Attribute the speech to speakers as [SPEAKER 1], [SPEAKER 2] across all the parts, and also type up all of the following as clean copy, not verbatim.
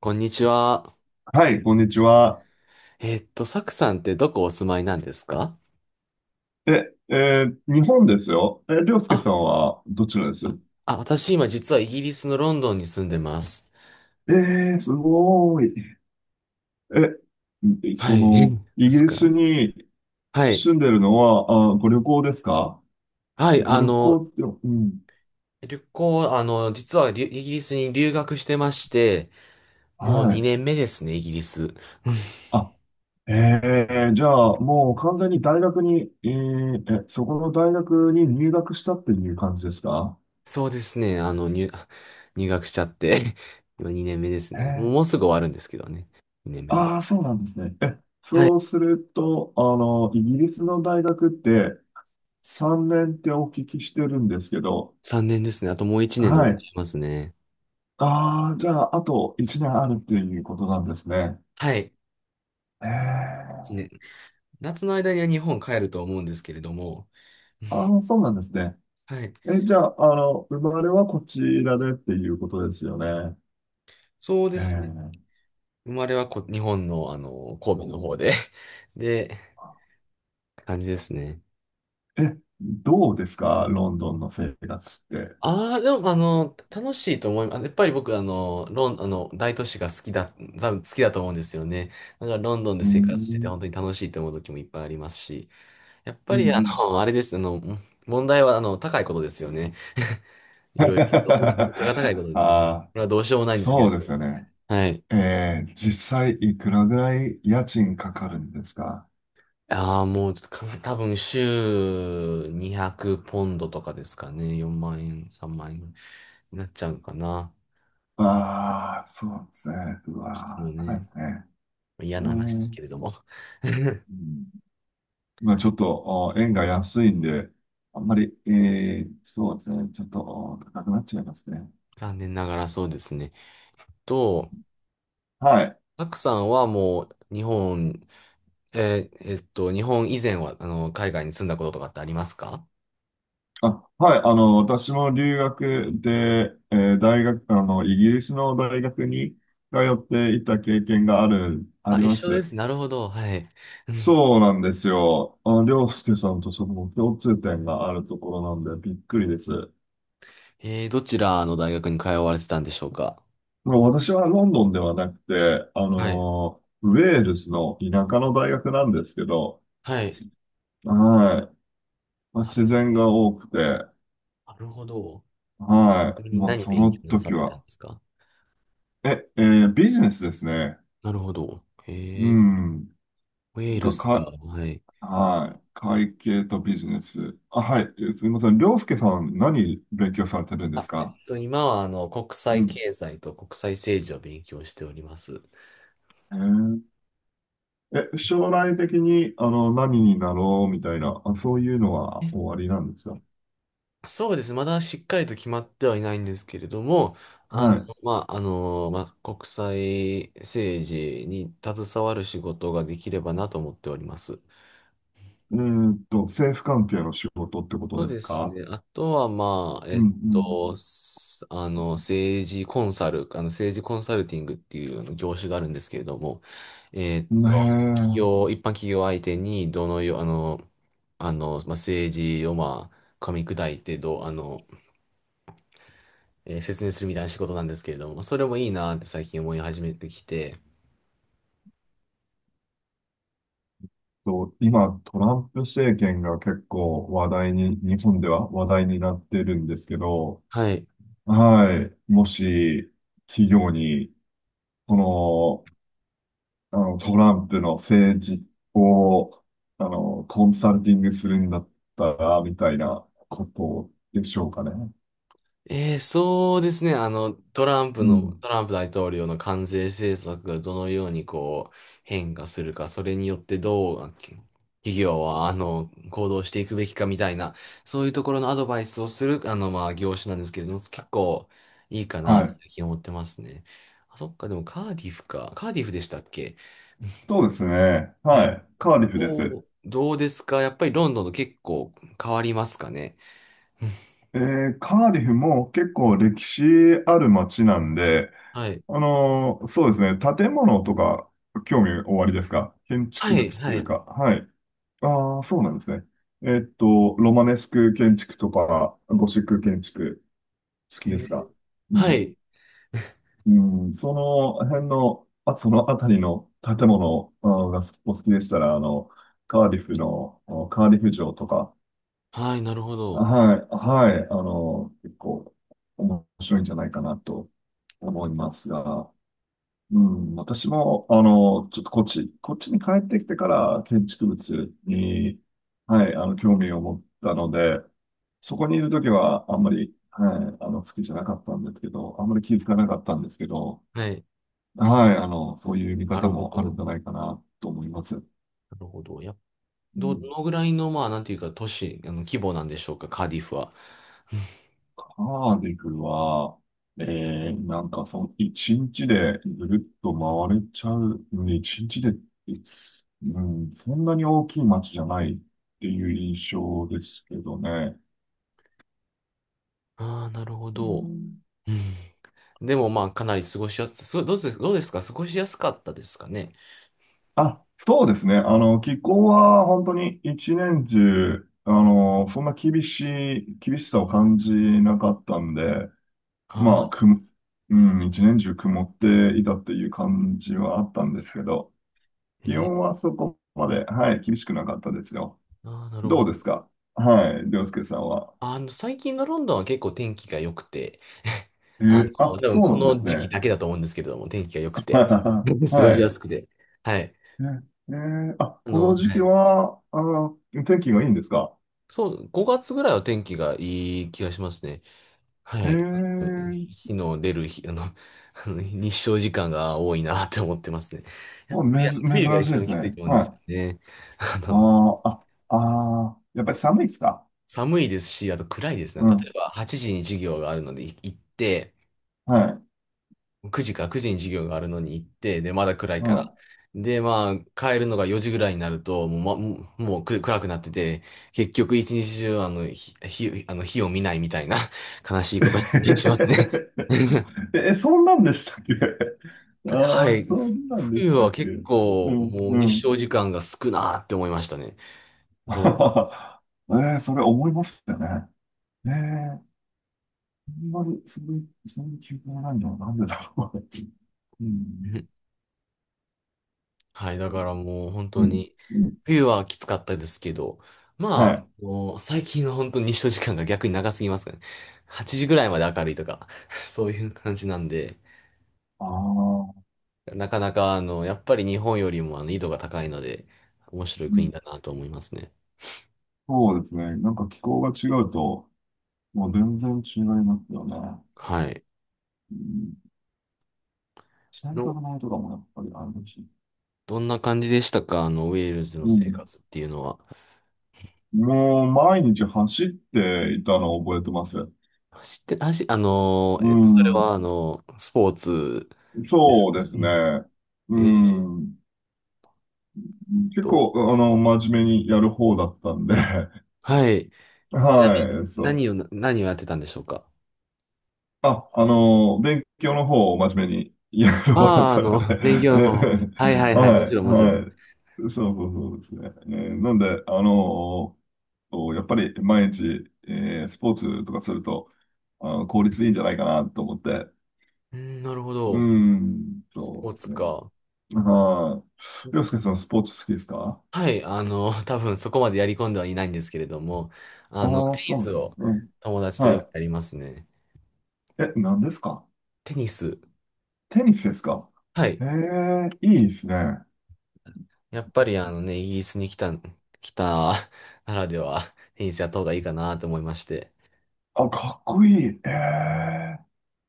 [SPEAKER 1] こんにちは。
[SPEAKER 2] はい、こんにちは。
[SPEAKER 1] サクさんってどこお住まいなんですか？
[SPEAKER 2] え、えー日本ですよ。え、りょうすけ
[SPEAKER 1] あ、
[SPEAKER 2] さんはどちらですよ？
[SPEAKER 1] あ、私今実はイギリスのロンドンに住んでます。
[SPEAKER 2] えー、すごーい。え、
[SPEAKER 1] は
[SPEAKER 2] そ
[SPEAKER 1] い。
[SPEAKER 2] の、
[SPEAKER 1] で
[SPEAKER 2] イギ
[SPEAKER 1] す
[SPEAKER 2] リス
[SPEAKER 1] か？
[SPEAKER 2] に
[SPEAKER 1] はい。
[SPEAKER 2] 住んでるのは、あ、ご旅行ですか？
[SPEAKER 1] はい。
[SPEAKER 2] ご旅行って、うん。
[SPEAKER 1] 旅行、実はイギリスに留学してまして、もう
[SPEAKER 2] はい。
[SPEAKER 1] 2年目ですね、イギリス。うん。
[SPEAKER 2] あ、えー、じゃあ、もう完全に大学に、そこの大学に入学したっていう感じですか？
[SPEAKER 1] そうですね。入学しちゃって、今2年目です
[SPEAKER 2] え
[SPEAKER 1] ね。
[SPEAKER 2] ー、
[SPEAKER 1] もうすぐ終わるんですけどね。2年目も。
[SPEAKER 2] ああ、そうなんですね。え、
[SPEAKER 1] はい。
[SPEAKER 2] そうすると、あの、イギリスの大学って、3年ってお聞きしてるんですけど、
[SPEAKER 1] 3年ですね。あともう1年で終
[SPEAKER 2] は
[SPEAKER 1] わっち
[SPEAKER 2] い。
[SPEAKER 1] ゃいますね。
[SPEAKER 2] ああ、じゃあ、あと1年あるっていうことなんですね。
[SPEAKER 1] はい。
[SPEAKER 2] ええ。
[SPEAKER 1] 夏の間には日本帰ると思うんですけれども、
[SPEAKER 2] ああ、そうなんですね。
[SPEAKER 1] はい。
[SPEAKER 2] え、じゃあ、あの、生まれはこちらでっていうことですよね。
[SPEAKER 1] そうですね。
[SPEAKER 2] え
[SPEAKER 1] 生まれはこ、日本の、神戸の方で で、感じですね。
[SPEAKER 2] え。え、どうですかロンドンの生活って。
[SPEAKER 1] ああ、でも、楽しいと思います。やっぱり僕、あの、ロン、あの、大都市が好きだ、多分好きだと思うんですよね。だから、ロンドンで
[SPEAKER 2] うー
[SPEAKER 1] 生活してて、
[SPEAKER 2] ん。
[SPEAKER 1] 本当に楽しいと思う時もいっぱいありますし、やっぱ
[SPEAKER 2] うん
[SPEAKER 1] り、
[SPEAKER 2] うん。
[SPEAKER 1] あれです、問題は、高いことですよね。いろいろと。物価が高いこと
[SPEAKER 2] あ
[SPEAKER 1] ですよね。こ
[SPEAKER 2] あ、
[SPEAKER 1] れはどうしようもないんですけれ
[SPEAKER 2] そう
[SPEAKER 1] ど。
[SPEAKER 2] ですよね。
[SPEAKER 1] はい。
[SPEAKER 2] ええ、実際いくらぐらい家賃かかるんですか？
[SPEAKER 1] ああ、もうちょっとか、多分週200ポンドとかですかね。4万円、3万円になっちゃうのかな。
[SPEAKER 2] ああ、そうですね。う
[SPEAKER 1] もうしても
[SPEAKER 2] わー、高いで
[SPEAKER 1] ね、
[SPEAKER 2] すね。
[SPEAKER 1] 嫌な話です
[SPEAKER 2] ね、
[SPEAKER 1] けれども。
[SPEAKER 2] うん、まあちょっと、あー円が安いんで、あんまり、えー、そうですね。ちょっとあー高くなっちゃいますね。
[SPEAKER 1] 残念ながらそうですね。と、
[SPEAKER 2] はい。
[SPEAKER 1] たくさんはもう日本、日本以前は海外に住んだこととかってありますか？
[SPEAKER 2] あ、はい。あの、私も留学で、えー大学、あの、イギリスの大学に通っていた経験がある、あ
[SPEAKER 1] あ、
[SPEAKER 2] り
[SPEAKER 1] 一
[SPEAKER 2] ま
[SPEAKER 1] 緒で
[SPEAKER 2] す。
[SPEAKER 1] す。なるほど。はい。うん。
[SPEAKER 2] そうなんですよ。あ、りょうすけさんとその共通点があるところなんで、びっくりです。
[SPEAKER 1] どちらの大学に通われてたんでしょうか？
[SPEAKER 2] もう私はロンドンではなくて、あ
[SPEAKER 1] はい。
[SPEAKER 2] のーウェールズの田舎の大学なんですけど、
[SPEAKER 1] はい。
[SPEAKER 2] はい。まあ、自
[SPEAKER 1] あ、
[SPEAKER 2] 然が多くて、
[SPEAKER 1] なるほど。ち
[SPEAKER 2] は
[SPEAKER 1] なみ
[SPEAKER 2] い。
[SPEAKER 1] に
[SPEAKER 2] ま
[SPEAKER 1] 何
[SPEAKER 2] そ
[SPEAKER 1] 勉
[SPEAKER 2] の
[SPEAKER 1] 強なさ
[SPEAKER 2] 時
[SPEAKER 1] ってたん
[SPEAKER 2] は、
[SPEAKER 1] ですか？
[SPEAKER 2] え、えービジネスですね。
[SPEAKER 1] なるほど。
[SPEAKER 2] う
[SPEAKER 1] へえ、
[SPEAKER 2] ん。
[SPEAKER 1] ウェール
[SPEAKER 2] が、
[SPEAKER 1] ズか。
[SPEAKER 2] か、
[SPEAKER 1] はい。
[SPEAKER 2] はい。会計とビジネス。あ、はい。えすみません。りょうすけさん、何勉強されてるんです
[SPEAKER 1] あ、
[SPEAKER 2] か？
[SPEAKER 1] 今は国
[SPEAKER 2] う
[SPEAKER 1] 際
[SPEAKER 2] ん。
[SPEAKER 1] 経済と国際政治を勉強しております。
[SPEAKER 2] えーえ、将来的に、あの、何になろうみたいな、あ、そういうのは終わりなんですか？
[SPEAKER 1] そうです。まだしっかりと決まってはいないんですけれども、あの、
[SPEAKER 2] はい。
[SPEAKER 1] まあ、まあ、国際政治に携わる仕事ができればなと思っております。
[SPEAKER 2] うーんと、政府関係の仕事ってこ
[SPEAKER 1] そう
[SPEAKER 2] とで
[SPEAKER 1] で
[SPEAKER 2] す
[SPEAKER 1] す
[SPEAKER 2] か？
[SPEAKER 1] ね。あとは、まあ、え
[SPEAKER 2] う
[SPEAKER 1] っ
[SPEAKER 2] ん
[SPEAKER 1] と、すあの、政治コンサル、あの、政治コンサルティングっていう業種があるんですけれども、えっ
[SPEAKER 2] うん。
[SPEAKER 1] と、
[SPEAKER 2] ねえ。
[SPEAKER 1] 一般企業相手に、どのよう、あの、あの、まあ、政治を、まあ、噛み砕いて、どう、説明するみたいな仕事なんですけれども、それもいいなって最近思い始めてきて、
[SPEAKER 2] と、今、トランプ政権が結構話題に、日本では話題になってるんですけど、
[SPEAKER 1] はい。
[SPEAKER 2] はい。もし、企業に、この、あの、トランプの政治を、あの、コンサルティングするんだったら、みたいなことでしょうかね。
[SPEAKER 1] そうですね。
[SPEAKER 2] うん。
[SPEAKER 1] トランプ大統領の関税政策がどのようにこう変化するか、それによってどう企業は行動していくべきかみたいな、そういうところのアドバイスをするまあ、業種なんですけれども、結構いいかな
[SPEAKER 2] は
[SPEAKER 1] って
[SPEAKER 2] い。
[SPEAKER 1] 最近思ってますね。あ、そっか、でもカーディフか。カーディフでしたっけ？
[SPEAKER 2] そうですね。
[SPEAKER 1] えー、
[SPEAKER 2] はい。カーディフです。
[SPEAKER 1] どうですか、やっぱりロンドンと結構変わりますかね？
[SPEAKER 2] えーカーディフも結構歴史ある街なんで、
[SPEAKER 1] はい。
[SPEAKER 2] あのーそうですね、建物とか興味おありですか建
[SPEAKER 1] は
[SPEAKER 2] 築
[SPEAKER 1] い、
[SPEAKER 2] 物と
[SPEAKER 1] は
[SPEAKER 2] いう
[SPEAKER 1] い。
[SPEAKER 2] か、はい。ああ、そうなんですね。えーっと、ロマネスク建築とか、ゴシック建築、好
[SPEAKER 1] え
[SPEAKER 2] きで
[SPEAKER 1] ー
[SPEAKER 2] すか？う
[SPEAKER 1] は
[SPEAKER 2] ん、
[SPEAKER 1] い。
[SPEAKER 2] うん、その辺の、あ、その辺りの建物あーがお好きでしたら、あの、カーディフの、あのカーディフ城とか、
[SPEAKER 1] はい、なるほど。
[SPEAKER 2] はい、はい、あの、結構面白いんじゃないかなと思いますが、うん、私も、あの、ちょっとこっちに帰ってきてから建築物に、はい、あの、興味を持ったので、そこにいるときはあんまり、はい、あの、好きじゃなかったんですけど、あんまり気づかなかったんですけど、
[SPEAKER 1] はい。
[SPEAKER 2] はい、あの、そういう見
[SPEAKER 1] な
[SPEAKER 2] 方
[SPEAKER 1] るほ
[SPEAKER 2] もあるん
[SPEAKER 1] ど。
[SPEAKER 2] じゃないかなと思います。
[SPEAKER 1] なるほど。やっ、
[SPEAKER 2] う
[SPEAKER 1] ど、ど
[SPEAKER 2] ん。
[SPEAKER 1] のぐらいの、まあ、なんていうか、都市、規模なんでしょうか、カーディフは。
[SPEAKER 2] カーディフは、えー、なんかその一日でぐるっと回れちゃう、うん一日で、うん、そんなに大きい街じゃないっていう印象ですけどね。
[SPEAKER 1] ああ、なるほ
[SPEAKER 2] う
[SPEAKER 1] ど。
[SPEAKER 2] ん。
[SPEAKER 1] うん。でも、まあ、かなり過ごしやす、すごい、どうです、どうですか過ごしやすかったですかね？
[SPEAKER 2] あ、そうですね。あの、気候は本当に一年中、あの、そんな厳しい、厳しさを感じなかったんで、ま
[SPEAKER 1] あ
[SPEAKER 2] あ、く、
[SPEAKER 1] あ、
[SPEAKER 2] うん、一年中曇っていたっていう感じはあったんですけど、気
[SPEAKER 1] え
[SPEAKER 2] 温
[SPEAKER 1] ー、
[SPEAKER 2] はそこまで、はい、厳しくなかったですよ。
[SPEAKER 1] ああ、なるほ
[SPEAKER 2] どう
[SPEAKER 1] ど。
[SPEAKER 2] ですか？はい、涼介さんは。
[SPEAKER 1] 最近のロンドンは結構天気が良くて、
[SPEAKER 2] え
[SPEAKER 1] あ
[SPEAKER 2] ー
[SPEAKER 1] 多
[SPEAKER 2] あ、
[SPEAKER 1] 分
[SPEAKER 2] そう
[SPEAKER 1] こ
[SPEAKER 2] なんで
[SPEAKER 1] の
[SPEAKER 2] す
[SPEAKER 1] 時期
[SPEAKER 2] ね。
[SPEAKER 1] だけだと思うんですけれども、天気が良くて、過ごし
[SPEAKER 2] は
[SPEAKER 1] や
[SPEAKER 2] い。
[SPEAKER 1] すくて。はい。
[SPEAKER 2] えーあ、この時
[SPEAKER 1] は
[SPEAKER 2] 期
[SPEAKER 1] い。
[SPEAKER 2] は、あの、天気がいいんですか？
[SPEAKER 1] そう、5月ぐらいは天気がいい気がしますね。
[SPEAKER 2] え
[SPEAKER 1] はい。の
[SPEAKER 2] ー、
[SPEAKER 1] 日の出る日、日照時間が多いなって思ってますね。や
[SPEAKER 2] も
[SPEAKER 1] っ
[SPEAKER 2] う
[SPEAKER 1] ぱり
[SPEAKER 2] めず、珍
[SPEAKER 1] 冬が
[SPEAKER 2] しい
[SPEAKER 1] 一
[SPEAKER 2] で
[SPEAKER 1] 番
[SPEAKER 2] す
[SPEAKER 1] きつい
[SPEAKER 2] ね。
[SPEAKER 1] と思うんで
[SPEAKER 2] は
[SPEAKER 1] すよ
[SPEAKER 2] い。
[SPEAKER 1] ね。あ
[SPEAKER 2] あ
[SPEAKER 1] の、
[SPEAKER 2] ーあ、あー、やっぱり寒いですか？
[SPEAKER 1] 寒いですし、あと暗いですね。
[SPEAKER 2] う
[SPEAKER 1] 例え
[SPEAKER 2] ん。
[SPEAKER 1] ば8時に授業があるので行って、
[SPEAKER 2] はい。
[SPEAKER 1] 9時に授業があるのに行って、で、まだ暗い
[SPEAKER 2] う
[SPEAKER 1] から。
[SPEAKER 2] ん
[SPEAKER 1] で、まあ、帰るのが4時ぐらいになると、もう、ま、もうもうく暗くなってて、結局一日中、あの、ひ、ひあの、火を見ないみたいな 悲しいことになっ たりしますね。
[SPEAKER 2] え、えそんなんでしたっけ？
[SPEAKER 1] は
[SPEAKER 2] ああ、
[SPEAKER 1] い。
[SPEAKER 2] そんなんで
[SPEAKER 1] 冬
[SPEAKER 2] したっ
[SPEAKER 1] は
[SPEAKER 2] け？
[SPEAKER 1] 結
[SPEAKER 2] う
[SPEAKER 1] 構
[SPEAKER 2] ん、
[SPEAKER 1] もう
[SPEAKER 2] う
[SPEAKER 1] 日
[SPEAKER 2] ん。
[SPEAKER 1] 照時間が少なって思いましたね。どう、
[SPEAKER 2] ええ、それ思いますよね。ええ、あんまり、そういう記憶がないのはなんでだろうね。うん、
[SPEAKER 1] はい。だからもう本
[SPEAKER 2] う
[SPEAKER 1] 当
[SPEAKER 2] ん、
[SPEAKER 1] に、
[SPEAKER 2] うん。
[SPEAKER 1] 冬はきつかったですけど、
[SPEAKER 2] は
[SPEAKER 1] まあ、
[SPEAKER 2] い。
[SPEAKER 1] もう最近は本当に日照時間が逆に長すぎますからね。8時ぐらいまで明るいとか、そういう感じなんで、
[SPEAKER 2] ああ、
[SPEAKER 1] なかなかやっぱり日本よりも緯度が高いので、面白い
[SPEAKER 2] う
[SPEAKER 1] 国
[SPEAKER 2] ん、
[SPEAKER 1] だなと思いますね。
[SPEAKER 2] そうですね。なんか気候が違うと、もう全然違いますよね。
[SPEAKER 1] はい。
[SPEAKER 2] うん、洗
[SPEAKER 1] ど、
[SPEAKER 2] 濯物とかもやっぱりあるし。
[SPEAKER 1] どんな感じでしたか？ウェールズの
[SPEAKER 2] う
[SPEAKER 1] 生
[SPEAKER 2] ん。
[SPEAKER 1] 活っていうのは。
[SPEAKER 2] もう毎日走っていたのを覚えてます。
[SPEAKER 1] 走って、
[SPEAKER 2] う
[SPEAKER 1] それは、
[SPEAKER 2] ん。
[SPEAKER 1] スポーツです
[SPEAKER 2] そう
[SPEAKER 1] か？
[SPEAKER 2] で
[SPEAKER 1] う
[SPEAKER 2] す
[SPEAKER 1] ん。
[SPEAKER 2] ね。う
[SPEAKER 1] えー
[SPEAKER 2] ん。
[SPEAKER 1] っ
[SPEAKER 2] 結
[SPEAKER 1] と、
[SPEAKER 2] 構、あの、真面目にやる方だったんで、
[SPEAKER 1] はい。ちなみ
[SPEAKER 2] は
[SPEAKER 1] に、
[SPEAKER 2] い、そう。
[SPEAKER 1] 何をやってたんでしょうか？
[SPEAKER 2] あ、あの、勉強の方を真面目にやる方だっ
[SPEAKER 1] ああー、
[SPEAKER 2] たので、
[SPEAKER 1] 勉
[SPEAKER 2] え
[SPEAKER 1] 強の方。はいはいはい、もち
[SPEAKER 2] は
[SPEAKER 1] ろん
[SPEAKER 2] い、
[SPEAKER 1] もちろん。
[SPEAKER 2] はい。そうそうそうですね。えーなんで、あの、やっぱり毎日、えースポーツとかすると、あの、効率いいんじゃないかなと思って、
[SPEAKER 1] うん、なるほ
[SPEAKER 2] う
[SPEAKER 1] ど。
[SPEAKER 2] ん、
[SPEAKER 1] ス
[SPEAKER 2] そ
[SPEAKER 1] ポ
[SPEAKER 2] う
[SPEAKER 1] ー
[SPEAKER 2] です
[SPEAKER 1] ツ
[SPEAKER 2] ね。
[SPEAKER 1] か。
[SPEAKER 2] はい。りょうすけさん、スポーツ好きですか？
[SPEAKER 1] はい、多分そこまでやり込んではいないんですけれども、
[SPEAKER 2] あ
[SPEAKER 1] テ
[SPEAKER 2] あー、
[SPEAKER 1] ニ
[SPEAKER 2] そうなん
[SPEAKER 1] ス
[SPEAKER 2] です。
[SPEAKER 1] を
[SPEAKER 2] うん。
[SPEAKER 1] 友達と
[SPEAKER 2] は
[SPEAKER 1] よく
[SPEAKER 2] い。
[SPEAKER 1] やりますね。
[SPEAKER 2] え、何ですか？
[SPEAKER 1] テニス。
[SPEAKER 2] テニスですか？
[SPEAKER 1] はい。
[SPEAKER 2] ええいいですね。
[SPEAKER 1] やっぱりあのね、イギリスに来たならでは、テニスやった方がいいかなと思いまして。
[SPEAKER 2] あ、かっこいい。え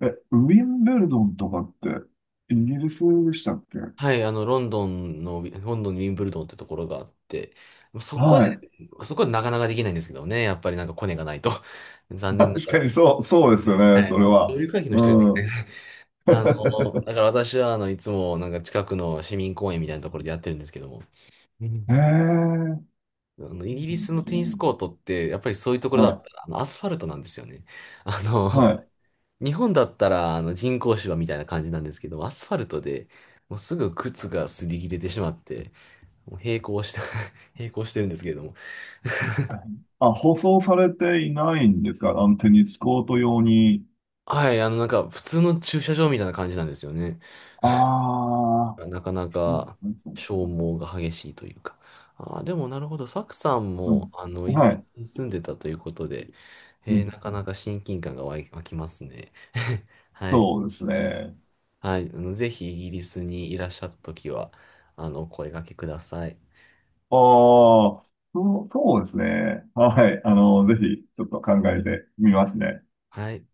[SPEAKER 2] ええ、ウィンブルドンとかってイギリスでしたっけ？
[SPEAKER 1] はい、あの、ロンドンの、ロンドンのウィンブルドンってところがあって、そこで、
[SPEAKER 2] はい。
[SPEAKER 1] そこでなかなかできないんですけどね、やっぱりなんかコネがないと。残念な
[SPEAKER 2] 確
[SPEAKER 1] が
[SPEAKER 2] か
[SPEAKER 1] ら。
[SPEAKER 2] にそうですよ
[SPEAKER 1] は
[SPEAKER 2] ね、そ
[SPEAKER 1] い、
[SPEAKER 2] れ
[SPEAKER 1] もう上
[SPEAKER 2] は。
[SPEAKER 1] 流階級の
[SPEAKER 2] う
[SPEAKER 1] 人じゃできない。
[SPEAKER 2] ん。
[SPEAKER 1] あの、だから私は、いつもなんか近くの市民公園みたいなところでやってるんですけども、うん。
[SPEAKER 2] ええ
[SPEAKER 1] イ
[SPEAKER 2] い
[SPEAKER 1] ギリ
[SPEAKER 2] い
[SPEAKER 1] ス
[SPEAKER 2] で
[SPEAKER 1] の
[SPEAKER 2] す
[SPEAKER 1] テニス
[SPEAKER 2] ね。
[SPEAKER 1] コートって、やっぱりそういうところだっ
[SPEAKER 2] は
[SPEAKER 1] たら、アスファルトなんですよね。あ
[SPEAKER 2] い、
[SPEAKER 1] の、
[SPEAKER 2] はい。
[SPEAKER 1] 日本だったら、人工芝みたいな感じなんですけど、アスファルトで、もうすぐ靴が擦り切れてしまって、もう並行して 並行してるんですけれども。
[SPEAKER 2] あ、舗装されていないんですかあの、テニスコート用に。
[SPEAKER 1] はい、なんか、普通の駐車場みたいな感じなんですよね。
[SPEAKER 2] ああ、
[SPEAKER 1] なかなか
[SPEAKER 2] そう
[SPEAKER 1] 消
[SPEAKER 2] か。
[SPEAKER 1] 耗が激しいというか。あー、でもなるほど。サクさん
[SPEAKER 2] う
[SPEAKER 1] も、
[SPEAKER 2] ん。
[SPEAKER 1] イギ
[SPEAKER 2] は
[SPEAKER 1] リ
[SPEAKER 2] い。
[SPEAKER 1] スに住んでたということで、
[SPEAKER 2] うん。
[SPEAKER 1] なかなか親近感が湧きますね。はい。
[SPEAKER 2] そうですね。
[SPEAKER 1] はい。ぜひイギリスにいらっしゃったときは、お声掛けください。
[SPEAKER 2] ああ、そうそうですね。はい。あの、ぜひ、ちょっと考えてみますね。
[SPEAKER 1] はい。